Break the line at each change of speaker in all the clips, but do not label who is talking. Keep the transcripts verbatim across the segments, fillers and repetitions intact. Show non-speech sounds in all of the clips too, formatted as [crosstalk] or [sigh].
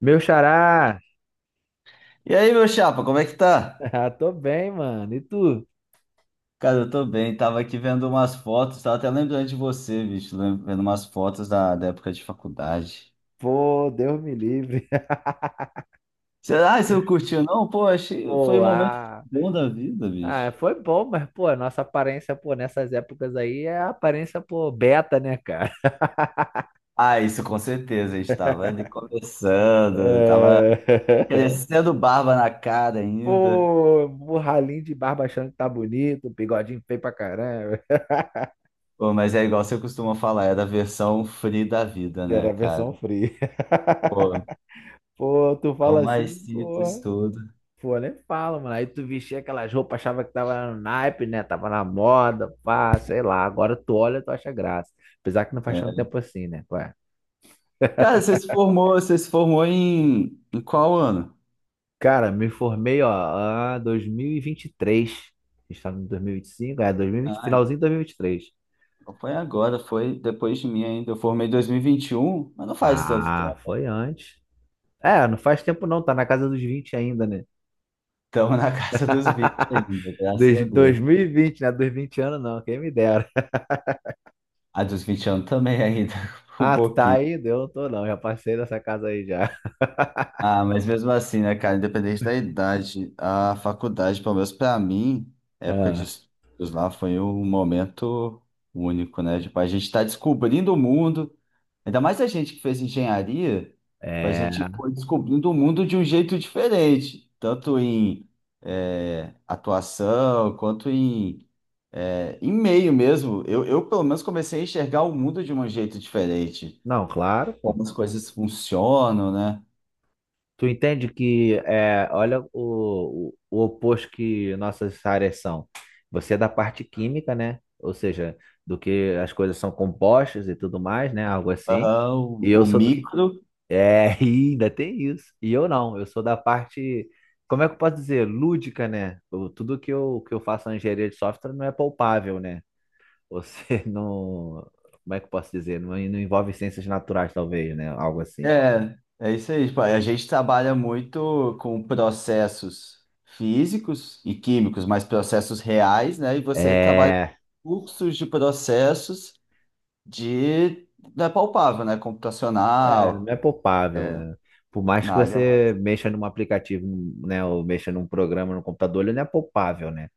Meu xará! [laughs]
E aí, meu chapa, como é que tá?
Ah, tô bem, mano. E tu?
Cara, eu tô bem, tava aqui vendo umas fotos, tava até lembrando de você, bicho, lem- vendo umas fotos da, da época de faculdade.
Pô, Deus me livre. [laughs]
Será que você não curtiu, não? Pô, achei, foi
Pô,
um momento
ah,
bom da vida,
ah,
bicho.
foi bom, mas, pô, a nossa aparência, pô, nessas épocas aí é a aparência, pô, beta, né, cara?
Ah, isso com certeza, a gente tava ali começando, tava
É...
crescendo barba na cara
[laughs]
ainda.
Pô, o ralinho de barba achando que tá bonito, bigodinho feio pra caramba.
Pô, mas é igual você costuma falar, era a versão free da vida, né,
Era a
cara?
versão free.
Pô,
[laughs] Pô, tu
tão
fala
mais
assim,
simples
pô.
tudo.
Pô, nem fala, mano. Aí tu vestia aquelas roupas, achava que tava no naipe, né? Tava na moda, pá, sei lá. Agora tu olha, tu acha graça. Apesar que não faz
Né?
tanto tempo assim, né? Ué.
Cara, você se formou, você se formou em, em qual ano?
Cara, me formei, ó, ah, dois mil e vinte e três. A gente tá em dois mil e e vinte e cinco, é, dois mil e vinte,
Ah,
finalzinho de dois mil e vinte e três.
então foi agora, foi depois de mim ainda. Eu formei em dois mil e vinte e um, mas não faz tanto
Ah,
tempo.
foi antes. É, não faz tempo não, tá na casa dos vinte ainda, né?
Estamos na casa dos vinte
[laughs]
ainda, graças a
Dos- dois
Deus.
mil e vinte, né? Dos vinte anos não, quem me dera.
A dos vinte anos também ainda, [laughs] um
Ah, tu tá
pouquinho.
aí? Eu não tô não, já passei dessa casa aí já.
Ah, mas mesmo assim, né, cara, independente da idade, a faculdade, pelo menos pra mim, a época de
[laughs]
estudos lá foi um momento único, né? Tipo, a gente tá descobrindo o mundo. Ainda mais a gente que fez engenharia,
Ah,
a
é.
gente foi descobrindo o mundo de um jeito diferente, tanto em é, atuação quanto em, é, em meio mesmo. Eu, eu, pelo menos, comecei a enxergar o mundo de um jeito diferente,
Não, claro,
como
pô.
as coisas funcionam, né?
Tu entende que é, olha o, o, o oposto que nossas áreas são. Você é da parte química, né? Ou seja, do que as coisas são compostas e tudo mais, né? Algo assim.
Aham,
E
o,
eu
o
sou. d-
micro.
É, [laughs] e ainda tem isso. E eu não, eu sou da parte. Como é que eu posso dizer? Lúdica, né? Eu- tudo que eu, que eu faço na engenharia de software não é palpável, né? Você [laughs] não. Como é que eu posso dizer? Não, não envolve ciências naturais, talvez, né? Algo assim.
É, é isso aí. Tipo, a gente trabalha muito com processos físicos e químicos, mas processos reais, né? E você trabalha com
É.
fluxos de processos de, da palpável, né?
É,
Computacional,
não é poupável, né? Por mais que
na área
você
mais.
mexa num aplicativo, né, ou mexa num programa no computador, ele não é poupável, né?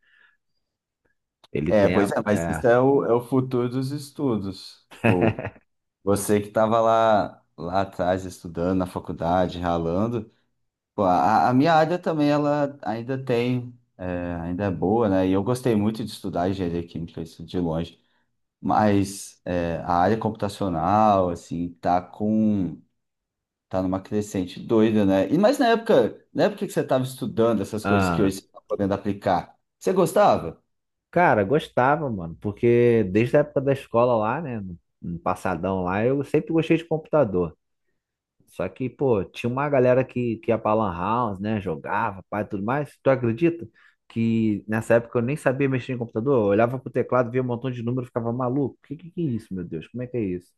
Ele
É,
tem
pois
a.
é, mas isso
é.
é o, é o futuro dos estudos. Tipo,
[laughs]
você que estava lá, lá atrás estudando na faculdade, ralando. Pô, a, a minha área também, ela ainda tem, é, ainda é boa, né? E eu gostei muito de estudar engenharia química, isso de longe. Mas é, a área computacional, assim, tá com, tá numa crescente doida, né? E mas na época, na época que você estava estudando essas coisas que
Ah,
hoje você está podendo aplicar, você gostava?
cara, gostava, mano, porque desde a época da escola lá, né, no no passadão lá, eu sempre gostei de computador. Só que, pô, tinha uma galera que, que ia pra Lan House, né, jogava, pai, tudo mais. Tu acredita que nessa época eu nem sabia mexer em computador? Eu olhava pro teclado, via um montão de número, ficava maluco. Que que que é isso, meu Deus? Como é que é isso?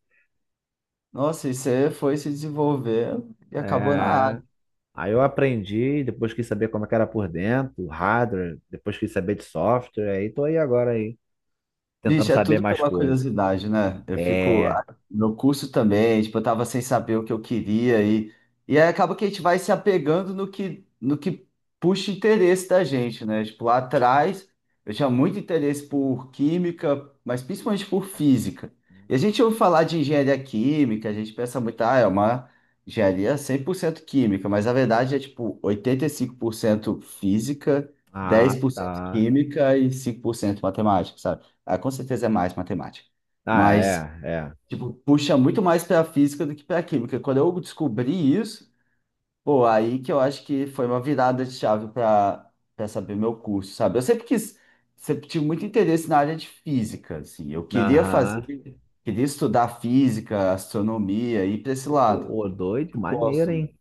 Nossa, e você foi se desenvolver e acabou na
É.
área.
Aí eu aprendi, depois quis saber como é que era por dentro, hardware, depois quis saber de software, aí tô aí agora aí, tentando
Bicho, é
saber
tudo
mais
pela
coisas.
curiosidade, né? Eu fico.
É.
ah, Meu curso também, tipo, eu tava sem saber o que eu queria e, e aí acaba que a gente vai se apegando no que, no que puxa interesse da gente, né? Tipo, lá atrás eu tinha muito interesse por química, mas principalmente por física. E a gente ouve falar de engenharia química, a gente pensa muito, ah, é uma engenharia cem por cento química, mas a verdade é, tipo, oitenta e cinco por cento física,
Ah,
dez por cento
tá.
química e cinco por cento matemática, sabe? Ah, com certeza é mais matemática.
Ah,
Mas,
é, é.
tipo, puxa muito mais para física do que para química. Quando eu descobri isso, pô, aí que eu acho que foi uma virada de chave para para saber meu curso, sabe? Eu sempre quis, sempre tive muito interesse na área de física, assim. Eu queria
Aham.
fazer, queria estudar física, astronomia, ir para esse lado.
Ô, doido,
Eu
maneiro,
gosto
hein?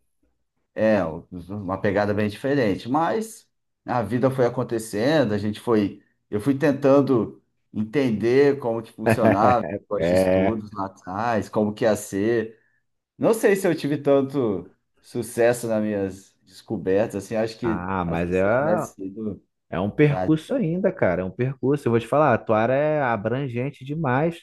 é, uma pegada bem diferente, mas a vida foi acontecendo, a gente foi, eu fui tentando entender como que funcionava
[laughs]
os
É.
estudos lá atrás, como que ia ser. Não sei se eu tive tanto sucesso nas minhas descobertas, assim, acho que
Ah,
às
mas
vezes,
é,
se eu tivesse sido
é um
para
percurso ainda, cara. É um percurso. Eu vou te falar, a tua área é abrangente demais.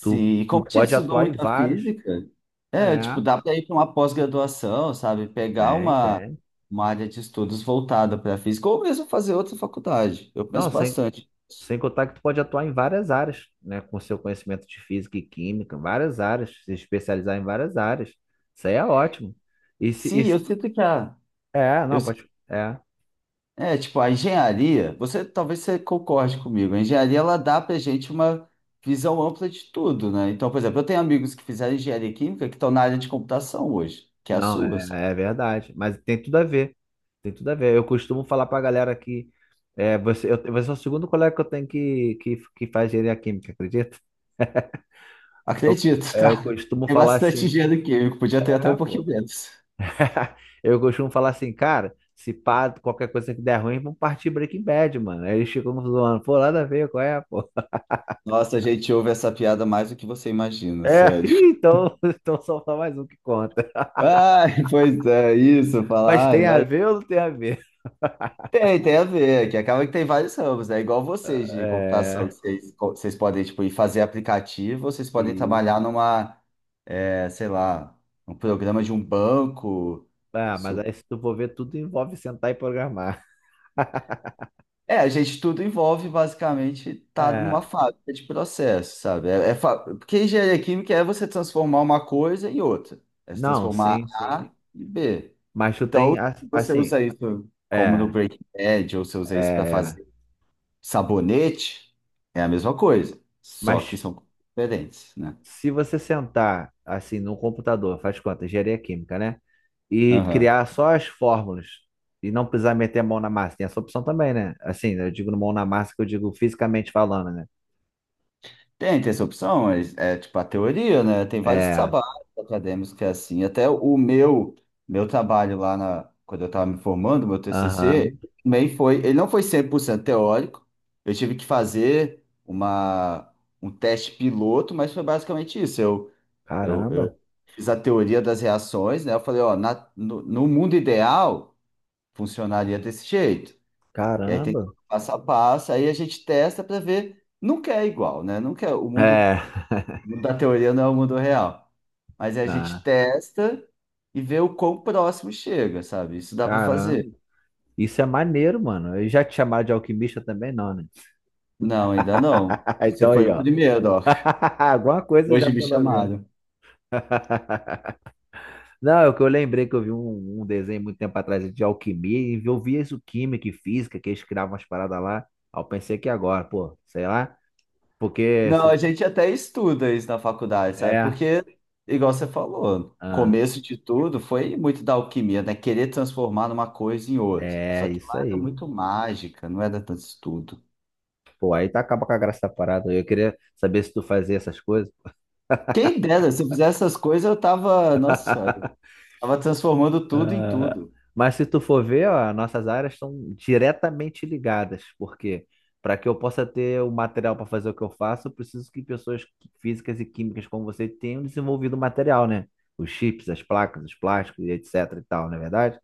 Tu,
e
tu
como a gente
pode
estudou
atuar em
muita
vários.
física, é,
É,
tipo, dá para ir para uma pós-graduação, sabe? Pegar
tem,
uma,
tem.
uma área de estudos voltada para física, ou mesmo fazer outra faculdade. Eu
Não,
penso
sem
bastante.
Sem contar que tu pode atuar em várias áreas, né? Com seu conhecimento de física e química, várias áreas, se especializar em várias áreas. Isso aí é ótimo. E se, e
Sim, eu
se-
sinto que a.
é,
Eu,
não,
sinto-
pode. É,
É, tipo, a engenharia, você talvez você concorde comigo, a engenharia ela dá pra gente uma visão ampla de tudo, né? Então, por exemplo, eu tenho amigos que fizeram engenharia química que estão na área de computação hoje, que é a
não,
sua. Assim.
é, é verdade. Mas tem tudo a ver. Tem tudo a ver. Eu costumo falar pra galera que é, você, eu, você é o segundo colega que eu tenho que, que, que faz engenharia química, acredita?
[laughs]
Eu,
Acredito,
é, eu
tá?
costumo
Tem
falar
bastante
assim,
engenheiro químico, podia ter até
é,
um pouquinho
pô.
menos.
[laughs] Eu costumo falar assim, cara, se pá, qualquer coisa que der ruim, vamos partir Breaking Bad, mano. Aí eles ficam zoando, pô, nada a ver, qual é, pô?
Nossa, a gente ouve essa piada mais do que você imagina,
É, [laughs]
sério.
ih,
[laughs]
então, [laughs] então só tá mais um que conta.
Ai, pois é, isso,
Mas
falar. Ai,
tem a
vai-
ver ou não tem a ver? [laughs]
Tem, tem a ver, que acaba que tem vários ramos, né? É igual vocês de
É,
computação, que vocês, co- vocês podem, tipo, ir fazer aplicativo, vocês podem
e,
trabalhar numa, é, sei lá, um programa de um banco.
ah, mas aí se tu for ver, tudo envolve sentar e programar. [laughs]
É, a gente tudo envolve basicamente estar
É,
numa fábrica de processo, sabe? É, é fa- porque engenharia química é você transformar uma coisa em outra. É se
não,
transformar
sim, sim.
A em B.
Mas tu
Então,
tem,
se
a-
você
assim,
usa isso como no
é,
Breaking Bad, ou você usa isso para
é,
fazer sabonete, é a mesma coisa. Só
mas
que são diferentes, né?
se você sentar assim num computador, faz conta, engenharia química, né? E
Aham.
criar só as fórmulas e não precisar meter a mão na massa, tem essa opção também, né? Assim, né, eu digo mão na massa que eu digo fisicamente falando, né?
Tem, tem essa opção, mas é tipo a teoria, né? Tem vários
É,
trabalhos acadêmicos que é assim. Até o meu, meu trabalho lá na, quando eu estava me formando, meu
aham,
T C C, também foi, ele não foi cem por cento teórico. Eu tive que fazer uma, um teste piloto, mas foi basicamente isso. Eu, eu,
Caramba,
eu fiz a teoria das reações, né? Eu falei, ó, na, no, no mundo ideal, funcionaria desse jeito. E aí tem
caramba.
todo o passo a passo, aí a gente testa para ver. Nunca é igual, né? Nunca é- O mundo
É, [laughs]
o mundo da teoria não é o mundo real. Mas a gente
ah,
testa e vê o quão próximo chega, sabe? Isso dá para
caramba.
fazer.
Isso é maneiro, mano. E já te chamaram de alquimista também, não, né?
Não, ainda não.
[laughs]
Você
Então
foi
aí,
o
ó.
primeiro, ó.
[laughs] Alguma coisa já
Hoje me
pelo menos.
chamaram.
[laughs] Não, é o que eu lembrei que eu vi um, um desenho muito tempo atrás de alquimia e eu vi isso química e física, que eles criavam umas paradas lá. Aí eu pensei que agora, pô, sei lá, porque
Não,
se-
a gente até estuda isso na faculdade, sabe?
é,
Porque, igual você falou, o
ah,
começo de tudo foi muito da alquimia, né? Querer transformar uma coisa em outra. Só
é
que
isso
lá era
aí.
muito mágica, não era tanto estudo.
Pô, aí tá acaba com a graça da parada. Eu queria saber se tu fazia essas coisas.
Quem dera, se eu fizesse essas coisas, eu tava, nossa senhora, tava transformando tudo em
Ah,
tudo.
mas se tu for ver, ó, nossas áreas estão diretamente ligadas, porque para que eu possa ter o material para fazer o que eu faço, eu preciso que pessoas qui- físicas e químicas como você tenham desenvolvido o material, né? Os chips, as placas, os plásticos, e etc e tal, não é verdade?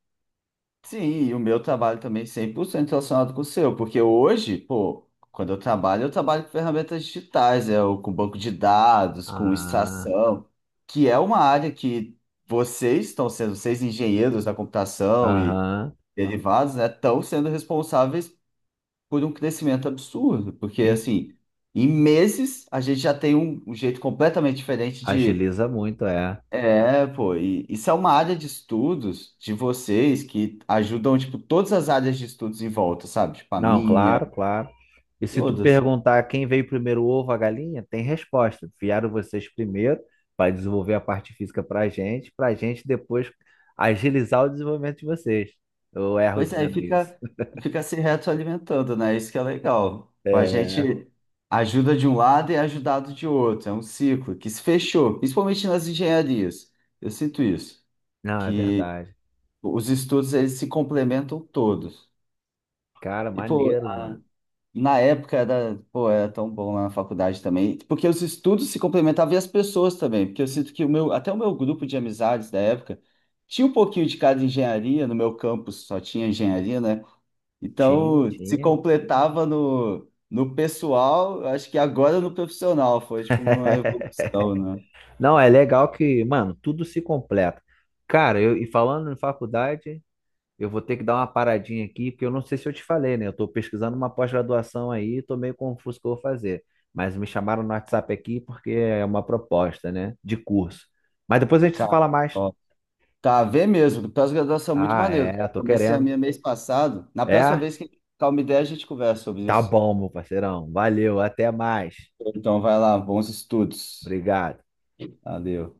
Sim, e o meu trabalho também cem por cento relacionado com o seu, porque hoje, pô, quando eu trabalho, eu trabalho com ferramentas digitais, é, o- com banco de dados, com
Ah,
extração, que é uma área que vocês estão sendo, vocês engenheiros da computação e
aham.
derivados, né, estão sendo responsáveis por um crescimento absurdo, porque
En-
assim, em meses a gente já tem um, um jeito completamente diferente de
Agiliza muito, é.
é, pô, e isso é uma área de estudos de vocês que ajudam, tipo, todas as áreas de estudos em volta, sabe? Tipo, a
Não,
minha,
claro, claro. E se tu
todas.
perguntar quem veio primeiro, o ovo ou a galinha, tem resposta. Vieram vocês primeiro para desenvolver a parte física para a gente, para a gente depois agilizar o desenvolvimento de vocês. Eu erro
Pois é, e
dizendo isso.
fica,
[laughs]
fica se retroalimentando, né? Isso que é legal. Tipo, a
É.
gente ajuda de um lado e é ajudado de outro. É um ciclo que se fechou, principalmente nas engenharias. Eu sinto isso,
Não, é
que
verdade.
os estudos, eles se complementam todos.
Cara,
E, pô,
maneiro, mano.
na época era, pô, era tão bom lá na faculdade também, porque os estudos se complementavam e as pessoas também, porque eu sinto que o meu, até o meu grupo de amizades da época tinha um pouquinho de cada engenharia, no meu campus só tinha engenharia, né?
Tinha,
Então se
tinha.
completava no, no pessoal, eu acho que agora no profissional, foi tipo uma
[laughs]
evolução, né?
Não, é legal que, mano, tudo se completa. Cara, eu, e falando em faculdade, eu vou ter que dar uma paradinha aqui, porque eu não sei se eu te falei, né? Eu estou pesquisando uma pós-graduação aí, estou meio confuso o que eu vou fazer. Mas me chamaram no WhatsApp aqui porque é uma proposta, né? De curso. Mas depois a gente se
Cara,
fala mais.
ó, tá, vê mesmo, pós-graduação é muito
Ah,
maneiro,
é,
cara.
tô
Comecei a
querendo.
minha mês passado, na próxima
É?
vez que a gente trocar uma ideia a gente conversa sobre
Tá
isso.
bom, meu parceirão. Valeu, até mais.
Então vai lá, bons estudos.
Obrigado.
Valeu.